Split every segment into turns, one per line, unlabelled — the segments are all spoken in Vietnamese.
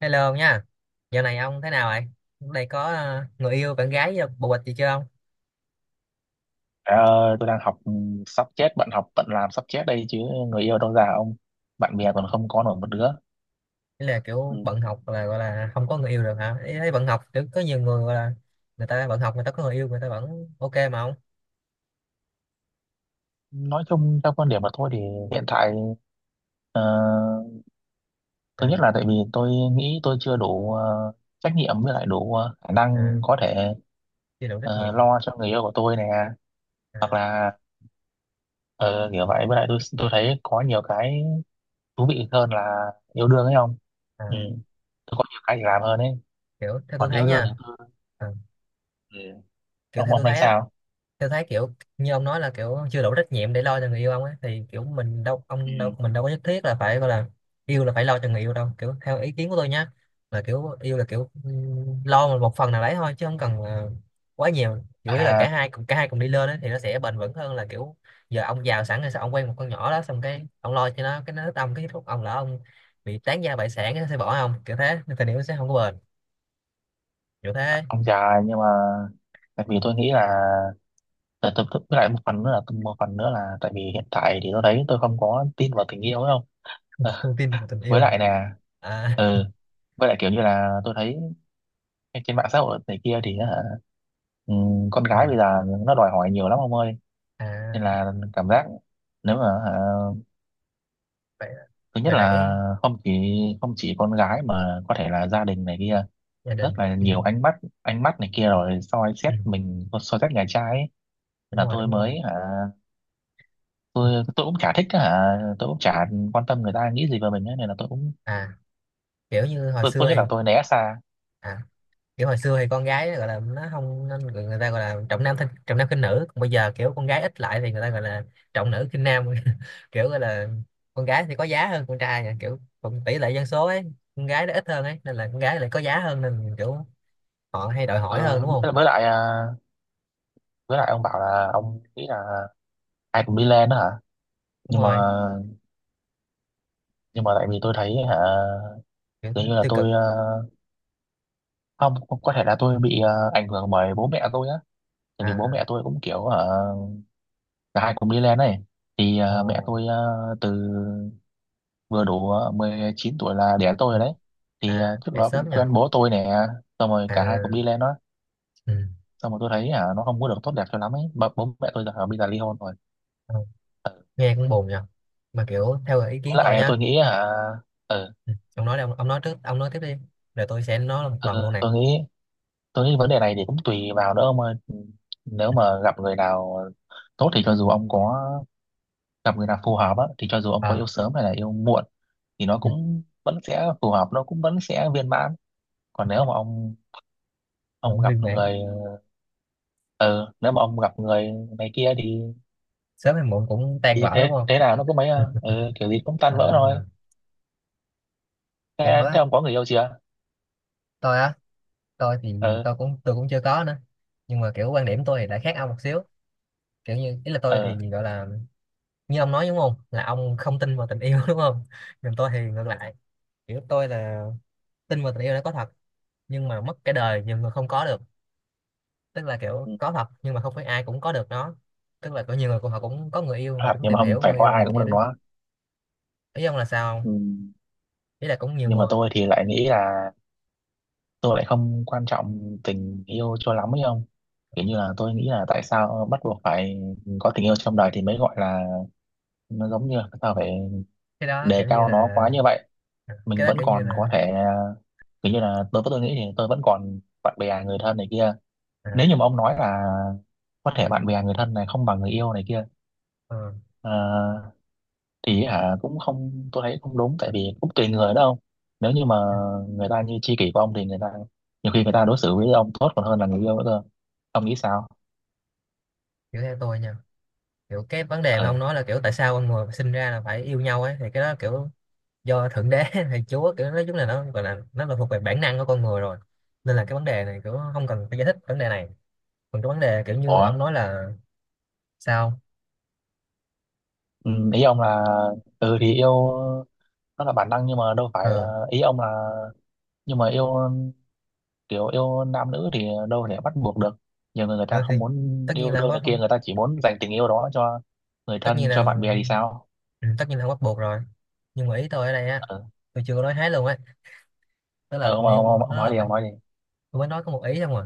Hello ông nha. Dạo này ông thế nào vậy? Đây có người yêu, bạn gái, bồ bịch gì chưa ông?
Ờ, tôi đang học, sắp chết. Bận học bận làm sắp chết đây chứ. Người yêu đâu, già ông, bạn bè còn không có nổi một đứa.
Ý là
Ừ.
kiểu bận học là gọi là không có người yêu được hả? Ý thấy bận học kiểu có nhiều người gọi là người ta bận học, người ta có người yêu, người ta vẫn ok mà ông.
Nói chung theo quan điểm của tôi thì hiện tại, ờ, thứ
À.
nhất là tại vì tôi nghĩ tôi chưa đủ trách nhiệm, với lại đủ khả
À,
năng có thể
chưa đủ trách nhiệm.
lo cho người yêu của tôi nè.
À.
Hoặc là ờ, kiểu vậy. Với lại tôi thấy có nhiều cái thú vị hơn là yêu đương ấy không. Ừ.
À,
Tôi có nhiều cái để làm hơn ấy.
kiểu theo tôi
Còn
thấy
yêu đương thì
nha.
tôi...
À,
Ừ.
kiểu
ông
theo
ông
tôi
thấy
thấy á,
sao?
tôi thấy kiểu như ông nói là kiểu chưa đủ trách nhiệm để lo cho người yêu ông ấy, thì kiểu mình đâu,
Ừ.
ông đâu, mình đâu có nhất thiết là phải gọi là yêu là phải lo cho người yêu đâu. Kiểu theo ý kiến của tôi nhá, là kiểu yêu là kiểu lo một một phần nào đấy thôi chứ không cần quá nhiều, chủ yếu là cả
À.
hai cùng cả hai cùng đi lên ấy, thì nó sẽ bền vững hơn là kiểu giờ ông giàu sẵn rồi, sao ông quen một con nhỏ đó, xong cái ông lo cho nó, cái nó thích ông, cái lúc ông lỡ ông bị tán gia bại sản nó sẽ bỏ ông, kiểu thế nên tình yêu sẽ không có bền, kiểu thế.
Ông dài, nhưng mà tại vì tôi nghĩ là tại với lại một phần nữa là tại vì hiện tại thì tôi thấy tôi không có tin vào tình yêu đâu. Ờ,
Thông tin và tình
với
yêu à
lại nè.
à?
Ừ. Với lại kiểu như là tôi thấy trên mạng xã hội này kia thì hả, ừ, con gái bây
À.
giờ nó đòi hỏi nhiều lắm ông ơi. Nên
À.
là cảm giác, nếu mà hả,
Vậy,
thứ nhất
vậy là ý
là không chỉ không chỉ con gái, mà có thể là gia đình này kia,
gia
rất
đình,
là
ừ.
nhiều ánh mắt, ánh mắt này kia rồi soi
Ừ,
xét mình, soi xét nhà trai ấy. Nên
đúng
là
rồi,
tôi
đúng
mới
rồi.
hả, tôi cũng chả thích á hả, tôi cũng chả quan tâm người ta nghĩ gì về mình ấy, nên là tôi cũng...
À, kiểu như hồi
tôi
xưa
tôi nghĩ
thì,
là tôi né xa.
à, kiểu hồi xưa thì con gái nó gọi là nó không nên người, người ta gọi là trọng nam trọng nam khinh nữ, còn bây giờ kiểu con gái ít lại thì người ta gọi là trọng nữ khinh nam. Kiểu gọi là con gái thì có giá hơn con trai nha, kiểu còn tỷ lệ dân số ấy, con gái nó ít hơn ấy, nên là con gái lại có giá hơn, nên kiểu họ hay đòi hỏi hơn
Ờ,
đúng không.
với lại à, với lại ông bảo là ông nghĩ là ai cũng đi lên đó hả.
Đúng
nhưng mà
rồi.
nhưng mà tại vì tôi thấy hả
Kiểu
dường
nó
như là
tiêu cực.
tôi không, có thể là tôi bị ảnh hưởng bởi bố mẹ tôi á. Tại vì bố
À.
mẹ tôi cũng kiểu hả, cả hai cùng đi lên này. Thì
Ờ,
mẹ tôi từ vừa đủ 19 tuổi là đẻ tôi rồi
mình.
đấy. Thì
À
trước
dậy
đó cũng
sớm nha.
quen bố tôi nè. Xong rồi cả hai cùng
À.
đi lên đó.
Ừ.
Xong rồi tôi thấy hả nó không có được tốt đẹp cho lắm ấy. Bố mẹ tôi giờ hả, bây giờ ly hôn rồi.
Ờ, nghe cũng buồn nha, mà kiểu theo ý
Với
kiến tôi
lại tôi
nhá.
nghĩ hả, ừ,
Ừ. Ông nói đi, ông nói trước, ông nói tiếp đi, rồi tôi sẽ nói một lần
ừ,
luôn nè.
tôi nghĩ tôi nghĩ vấn đề này thì cũng tùy vào nữa ông ơi. Nếu mà gặp người nào tốt thì cho dù ông có gặp người nào phù hợp á, thì cho dù ông có yêu
À,
sớm hay là yêu muộn thì nó cũng vẫn sẽ phù hợp, nó cũng vẫn sẽ viên mãn. Còn nếu mà ông
cũng
gặp
viên mãn.
người... ừ, nếu mà ông gặp người này kia
Sớm hay muộn cũng tan
thì
vỡ
thế
đúng không.
thế nào nó cũng mấy à.
Ừ.
Ừ, Kiểu gì cũng tan vỡ thôi.
À, kiểu
Thế, thế
á,
ông có người yêu chưa?
tôi á, tôi thì
Ừ.
tôi cũng chưa có nữa. Nhưng mà kiểu quan điểm tôi thì lại khác ông một xíu, kiểu như ý là tôi
Ừ.
thì gọi là, như ông nói đúng không, là ông không tin vào tình yêu đúng không. Nhưng tôi thì ngược lại, kiểu tôi là tin vào tình yêu đã có thật, nhưng mà mất cái đời nhiều người không có được, tức là kiểu
Ừ.
có thật nhưng mà không phải ai cũng có được nó. Tức là có nhiều người cũng họ cũng có người yêu, họ
Hoặc
cũng
nhưng mà
tìm
ông
hiểu
phải
người
có
yêu
ai
này
cũng
kia
được
đấy.
nó.
Ý ông là sao không?
Ừ,
Ý là cũng nhiều
nhưng mà
người.
tôi thì lại nghĩ là tôi lại không quan trọng tình yêu cho lắm ấy không. Kiểu như là tôi nghĩ là tại sao bắt buộc phải có tình yêu trong đời thì mới gọi là... nó giống như là sao phải
Cái đó
đề
kiểu như
cao nó
là,
quá như vậy.
à,
Mình
cái đó
vẫn
kiểu như
còn có
là,
thể, kiểu như là đối với tôi nghĩ thì tôi vẫn còn bạn bè người thân này kia.
à,
Nếu như mà ông nói là có thể bạn bè người thân này không bằng người yêu này kia...
ờ,
Ờ. Thì hả cũng không, tôi thấy không đúng, tại vì cũng tùy người đó ông. Nếu như mà người ta như tri kỷ của ông thì người ta, nhiều khi người ta đối xử với ông tốt còn hơn là người yêu nữa cơ. Ông nghĩ sao?
kiểu theo tôi nha, kiểu cái vấn đề mà ông
Ừ.
nói là kiểu tại sao con người sinh ra là phải yêu nhau ấy, thì cái đó kiểu do thượng đế hay chúa, kiểu nói chung là nó gọi là nó là thuộc về bản năng của con người rồi, nên là cái vấn đề này kiểu không cần phải giải thích vấn đề này. Còn cái vấn đề kiểu như
Ủa.
ông nói là sao.
Ừ, Ý ông là... ừ thì yêu nó là bản năng, nhưng mà đâu phải
Ờ.
ý ông là... nhưng mà yêu, kiểu yêu nam nữ thì đâu thể bắt buộc được. Nhiều người, người ta
ờ, thì
không muốn
tất nhiên
yêu
là không
đương
có
này kia,
không,
người ta chỉ muốn dành tình yêu đó cho người
tất nhiên
thân, cho bạn
là,
bè thì sao?
ừ, tất nhiên là không bắt buộc rồi. Nhưng mà ý tôi ở đây á,
Ờ.
tôi chưa có nói hết luôn ấy, tức là tình yêu
Ông
nó
nói
là
đi,
phải,
ông nói đi.
tôi mới nói có một ý không à,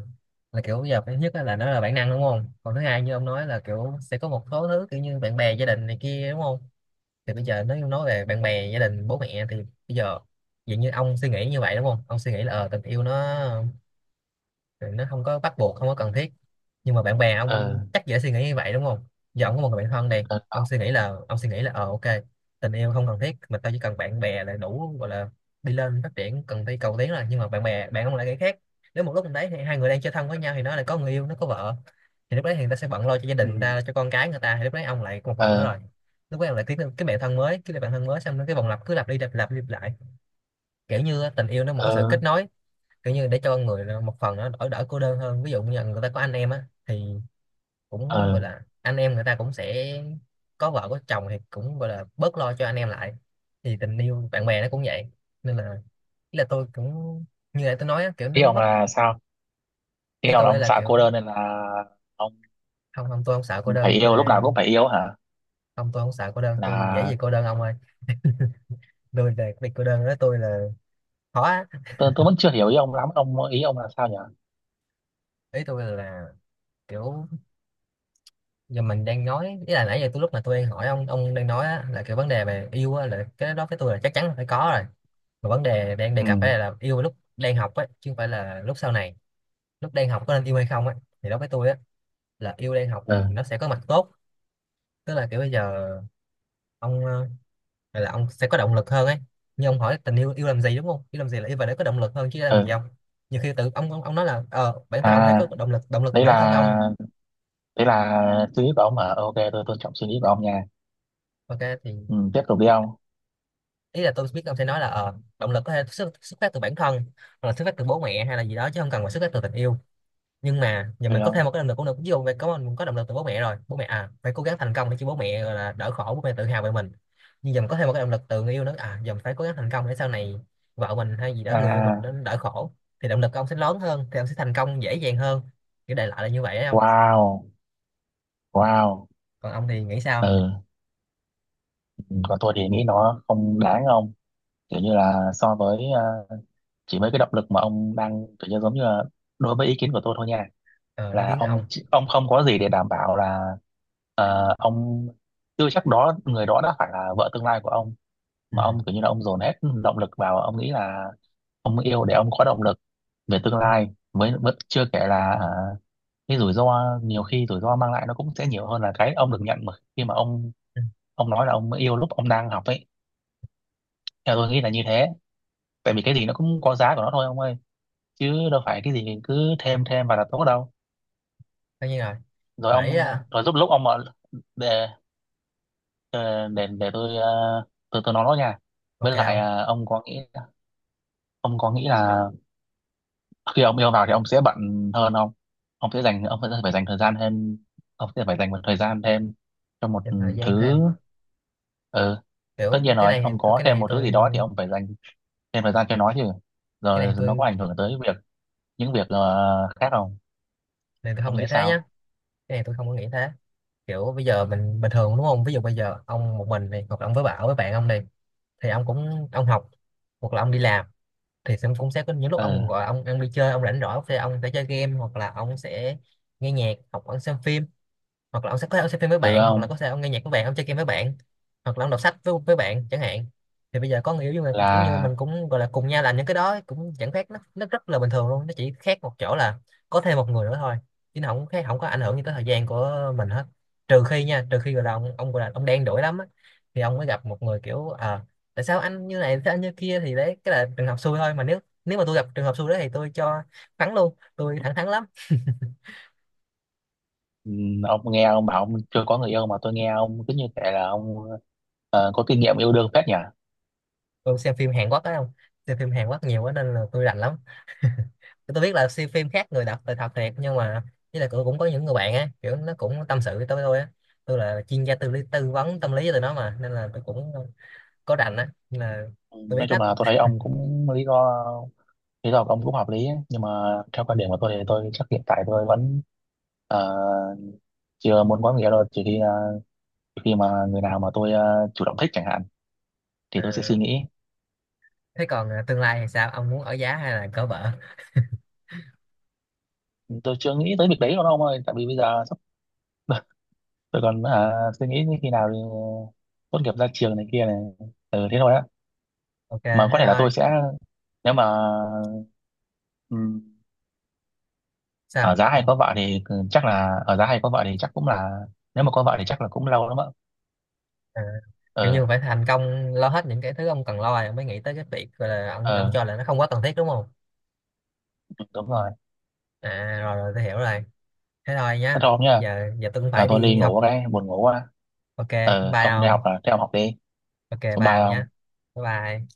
là kiểu bây giờ cái nhất á là nó là bản năng đúng không, còn thứ hai như ông nói là kiểu sẽ có một số thứ kiểu như bạn bè, gia đình này kia đúng không. Thì bây giờ nếu như nói về bạn bè, gia đình, bố mẹ thì bây giờ dạng như ông suy nghĩ như vậy đúng không, ông suy nghĩ là tình yêu nó rồi nó không có bắt buộc, không có cần thiết. Nhưng mà bạn bè
Ờ.
ông chắc dễ suy nghĩ như vậy đúng không. Giờ ông có một người bạn thân này,
Ờ.
ông suy nghĩ là, ông suy nghĩ là ờ ok tình yêu không cần thiết, mà tao chỉ cần bạn bè là đủ, gọi là đi lên, phát triển, cần đi cầu tiến rồi. Nhưng mà bạn bè, bạn ông lại nghĩ khác. Nếu một lúc mình đấy thì hai người đang chơi thân với nhau, thì nó lại có người yêu, nó có vợ, thì lúc đấy thì người ta sẽ bận lo cho gia
Ừ.
đình người ta, cho con cái người ta, thì lúc đấy ông lại một mình nữa rồi.
Ờ.
Lúc đấy ông lại kiếm cái bạn thân mới, cái bạn thân mới xong nó, cái vòng lặp cứ lặp đi lặp lại. Kiểu như á, tình yêu nó một cái sự
Ờ.
kết nối, kiểu như để cho người nó- một phần nó đỡ đỡ cô đơn hơn. Ví dụ như là người ta có anh em á thì cũng
Ờ.
gọi là anh em người ta cũng sẽ có vợ có chồng thì cũng gọi là bớt lo cho anh em lại, thì tình yêu bạn bè nó cũng vậy. Nên là ý là tôi cũng như là tôi nói á, kiểu
Ý
nó
ông
mất.
là sao? Ý
Ý
ông là
tôi
ông
là
sợ cô
kiểu
đơn nên là ông
không không tôi không sợ cô đơn,
phải
tôi
yêu, lúc nào
là-
cũng phải yêu hả?
không tôi không sợ cô đơn, tôi dễ gì
Là
cô đơn ông ơi, tôi về cái việc cô đơn đó tôi là khó á.
tôi vẫn chưa hiểu ý ông lắm ông, ý ông là sao nhỉ?
Ý tôi là kiểu giờ mình đang nói, ý là nãy giờ tôi lúc mà tôi đang hỏi ông đang nói á, là cái vấn đề về yêu á, là cái đó với tôi là chắc chắn là phải có rồi, mà vấn đề đang đề
Ừ.
cập ở đây là yêu lúc đang học á, chứ không phải là lúc sau này. Lúc đang học có nên yêu hay không á, thì đối với tôi á là yêu đang học thì
Ờ.
nó sẽ có mặt tốt. Tức là kiểu bây giờ ông gọi là ông sẽ có động lực hơn ấy. Như ông hỏi tình yêu yêu làm gì đúng không, yêu làm gì là yêu và để có động lực hơn chứ làm
Ờ.
gì không. Nhiều khi tự ông, ông nói là ờ bản thân ông thấy
À.
có động lực, động lực từ
đấy
bản thân
là
ông.
đấy là suy nghĩ của ông hả? Ờ, ok, tôi tôn trọng suy nghĩ của ông nha.
Ok
Ừ,
thì
tiếp tục đi ông.
ý là tôi biết ông sẽ nói là ờ, động lực có thể xuất phát từ bản thân, hoặc là xuất phát từ bố mẹ hay là gì đó chứ không cần phải xuất phát từ tình yêu. Nhưng mà giờ
Được
mình có thêm một
không?
cái động lực cũng được, ví dụ mình có động lực từ bố mẹ rồi, bố mẹ à, phải cố gắng thành công để cho bố mẹ gọi là đỡ khổ, bố mẹ tự hào về mình. Nhưng giờ mình có thêm một cái động lực từ người yêu nữa à, giờ mình phải cố gắng thành công để sau này vợ mình hay gì đó, người yêu mình nó
À.
đỡ khổ, thì động lực của ông sẽ lớn hơn, thì ông sẽ thành công dễ dàng hơn. Kiểu đại loại là như vậy đấy không.
Wow. Wow.
Còn ông thì nghĩ sao?
Ừ. Còn tôi thì nghĩ nó không đáng ông. Kiểu như là so với chỉ mấy cái động lực mà ông đang kiểu như giống như là đối với ý kiến của tôi thôi nha.
Ờ, ý
Là
kiến ông.
ông không có gì để đảm bảo là ông chưa chắc đó người đó đã phải là vợ tương lai của ông.
Ừ.
Mà ông kiểu như là ông dồn hết động lực vào. Ông nghĩ là ông yêu để ông có động lực về tương
Ừ.
lai, mới mới- chưa kể là hả, cái rủi ro, nhiều khi rủi ro mang lại nó cũng sẽ nhiều hơn là cái ông được nhận, mà khi mà ông
Ừ.
ông nói là ông yêu lúc ông đang học ấy. Theo tôi nghĩ là như thế. Tại vì cái gì nó cũng có giá của nó thôi ông ơi, chứ đâu phải cái gì cứ thêm thêm vào là tốt đâu.
Tất nhiên rồi.
rồi
Mà ý
ông
là
Rồi giúp lúc ông mà... để để để tôi tôi nói nó nha.
ok
Với lại
không.
ông có nghĩ, ông có nghĩ là khi ông yêu vào thì ông sẽ bận hơn không? Ông sẽ dành, ông sẽ phải dành thời gian thêm. Ông sẽ phải dành một thời gian thêm cho một
Dành thời gian
thứ.
thêm.
Ừ, tất nhiên
Kiểu cái
rồi,
này
ông
tôi
có
cái
thêm
này
một thứ
tôi
gì đó thì ông phải dành thêm thời gian cho nó chứ.
cái
Rồi nó có ảnh hưởng tới những việc khác không?
này tôi không
Ông
nghĩ
nghĩ
thế nhá.
sao?
Cái này tôi không có nghĩ thế. Kiểu bây giờ mình bình thường đúng không, ví dụ bây giờ ông một mình này, hoặc là ông với bảo với bạn ông này, thì ông cũng ông học hoặc là ông đi làm, thì sẽ cũng sẽ có những lúc
Ừ.
ông gọi ông đi chơi ông rảnh rỗi, thì ông sẽ chơi game, hoặc là ông sẽ nghe nhạc, hoặc ông xem phim, hoặc là ông sẽ có thể ông xem phim với
Ừ.
bạn, hoặc là
Ông
có thể ông nghe nhạc với bạn, ông chơi game với bạn, hoặc là ông đọc sách với bạn chẳng hạn. Thì bây giờ có người yêu nhưng mà giống như mình
là...
cũng gọi là cùng nhau làm những cái đó cũng chẳng khác, nó rất là bình thường luôn, nó chỉ khác một chỗ là có thêm một người nữa thôi, chứ nó không khác, không có ảnh hưởng gì tới thời gian của mình hết. Trừ khi nha, trừ khi gọi là ông gọi là ông đen đủi lắm á, thì ông mới gặp một người kiểu tại sao anh như này, tại sao anh như kia, thì đấy cái là trường hợp xui thôi. Mà nếu, nếu mà tôi gặp trường hợp xui đó thì tôi cho thắng luôn, tôi thẳng thắn lắm.
Ừ, ông nghe ông bảo ông chưa có người yêu mà tôi nghe ông cứ như thể là ông có kinh nghiệm yêu đương phết nhỉ.
Tôi xem phim Hàn Quốc ấy không, xem phim Hàn Quốc nhiều quá nên là tôi rành lắm. Tôi biết là xem phim khác người đọc là thật thiệt nhưng mà, với lại cũng cũng có những người bạn á kiểu nó cũng tâm sự với tôi á tôi là chuyên gia tư vấn tâm lý cho tụi nó mà, nên là tôi cũng có rành á, nên là
Ừ,
tôi
nói
biết
chung
hết.
là tôi thấy ông cũng lý do, lý do của ông cũng hợp lý ấy. Nhưng mà theo quan điểm của tôi thì tôi chắc hiện tại tôi vẫn ờ, chưa muốn có người yêu đâu, trừ khi mà người nào mà tôi chủ động thích chẳng hạn, thì
Ờ,
tôi sẽ suy nghĩ.
thế còn tương lai thì sao, ông muốn ở giá hay là cỡ vợ?
Tôi chưa nghĩ tới việc đấy đâu ông ơi, tại vì bây giờ sắp tôi còn suy nghĩ khi nào thì tốt nghiệp ra trường này kia này. Ừ, thế thôi á.
Ok
Mà có
thế
thể là tôi
thôi.
sẽ, nếu mà ở
Sao
giá hay
ông?
có vợ thì chắc là ở giá hay có vợ thì chắc cũng là, nếu mà có vợ thì chắc là cũng lâu lắm ạ.
Ờ, kiểu như
Ờ.
phải thành công lo hết những cái thứ ông cần lo rồi ông mới nghĩ tới cái việc gọi là ông
Ờ,
cho là nó không quá cần thiết đúng không.
đúng rồi.
À rồi rồi, tôi hiểu rồi. Thế thôi
Thế
nhá.
thôi ông nhá.
Giờ giờ tôi cũng
Là
phải
tôi đi
đi học.
ngủ cái, buồn ngủ quá.
Ok bye
Ông đi học
ông.
à? Thế ông học đi.
Ok bye
Bye
ông nhá.
ông.
Bye bye.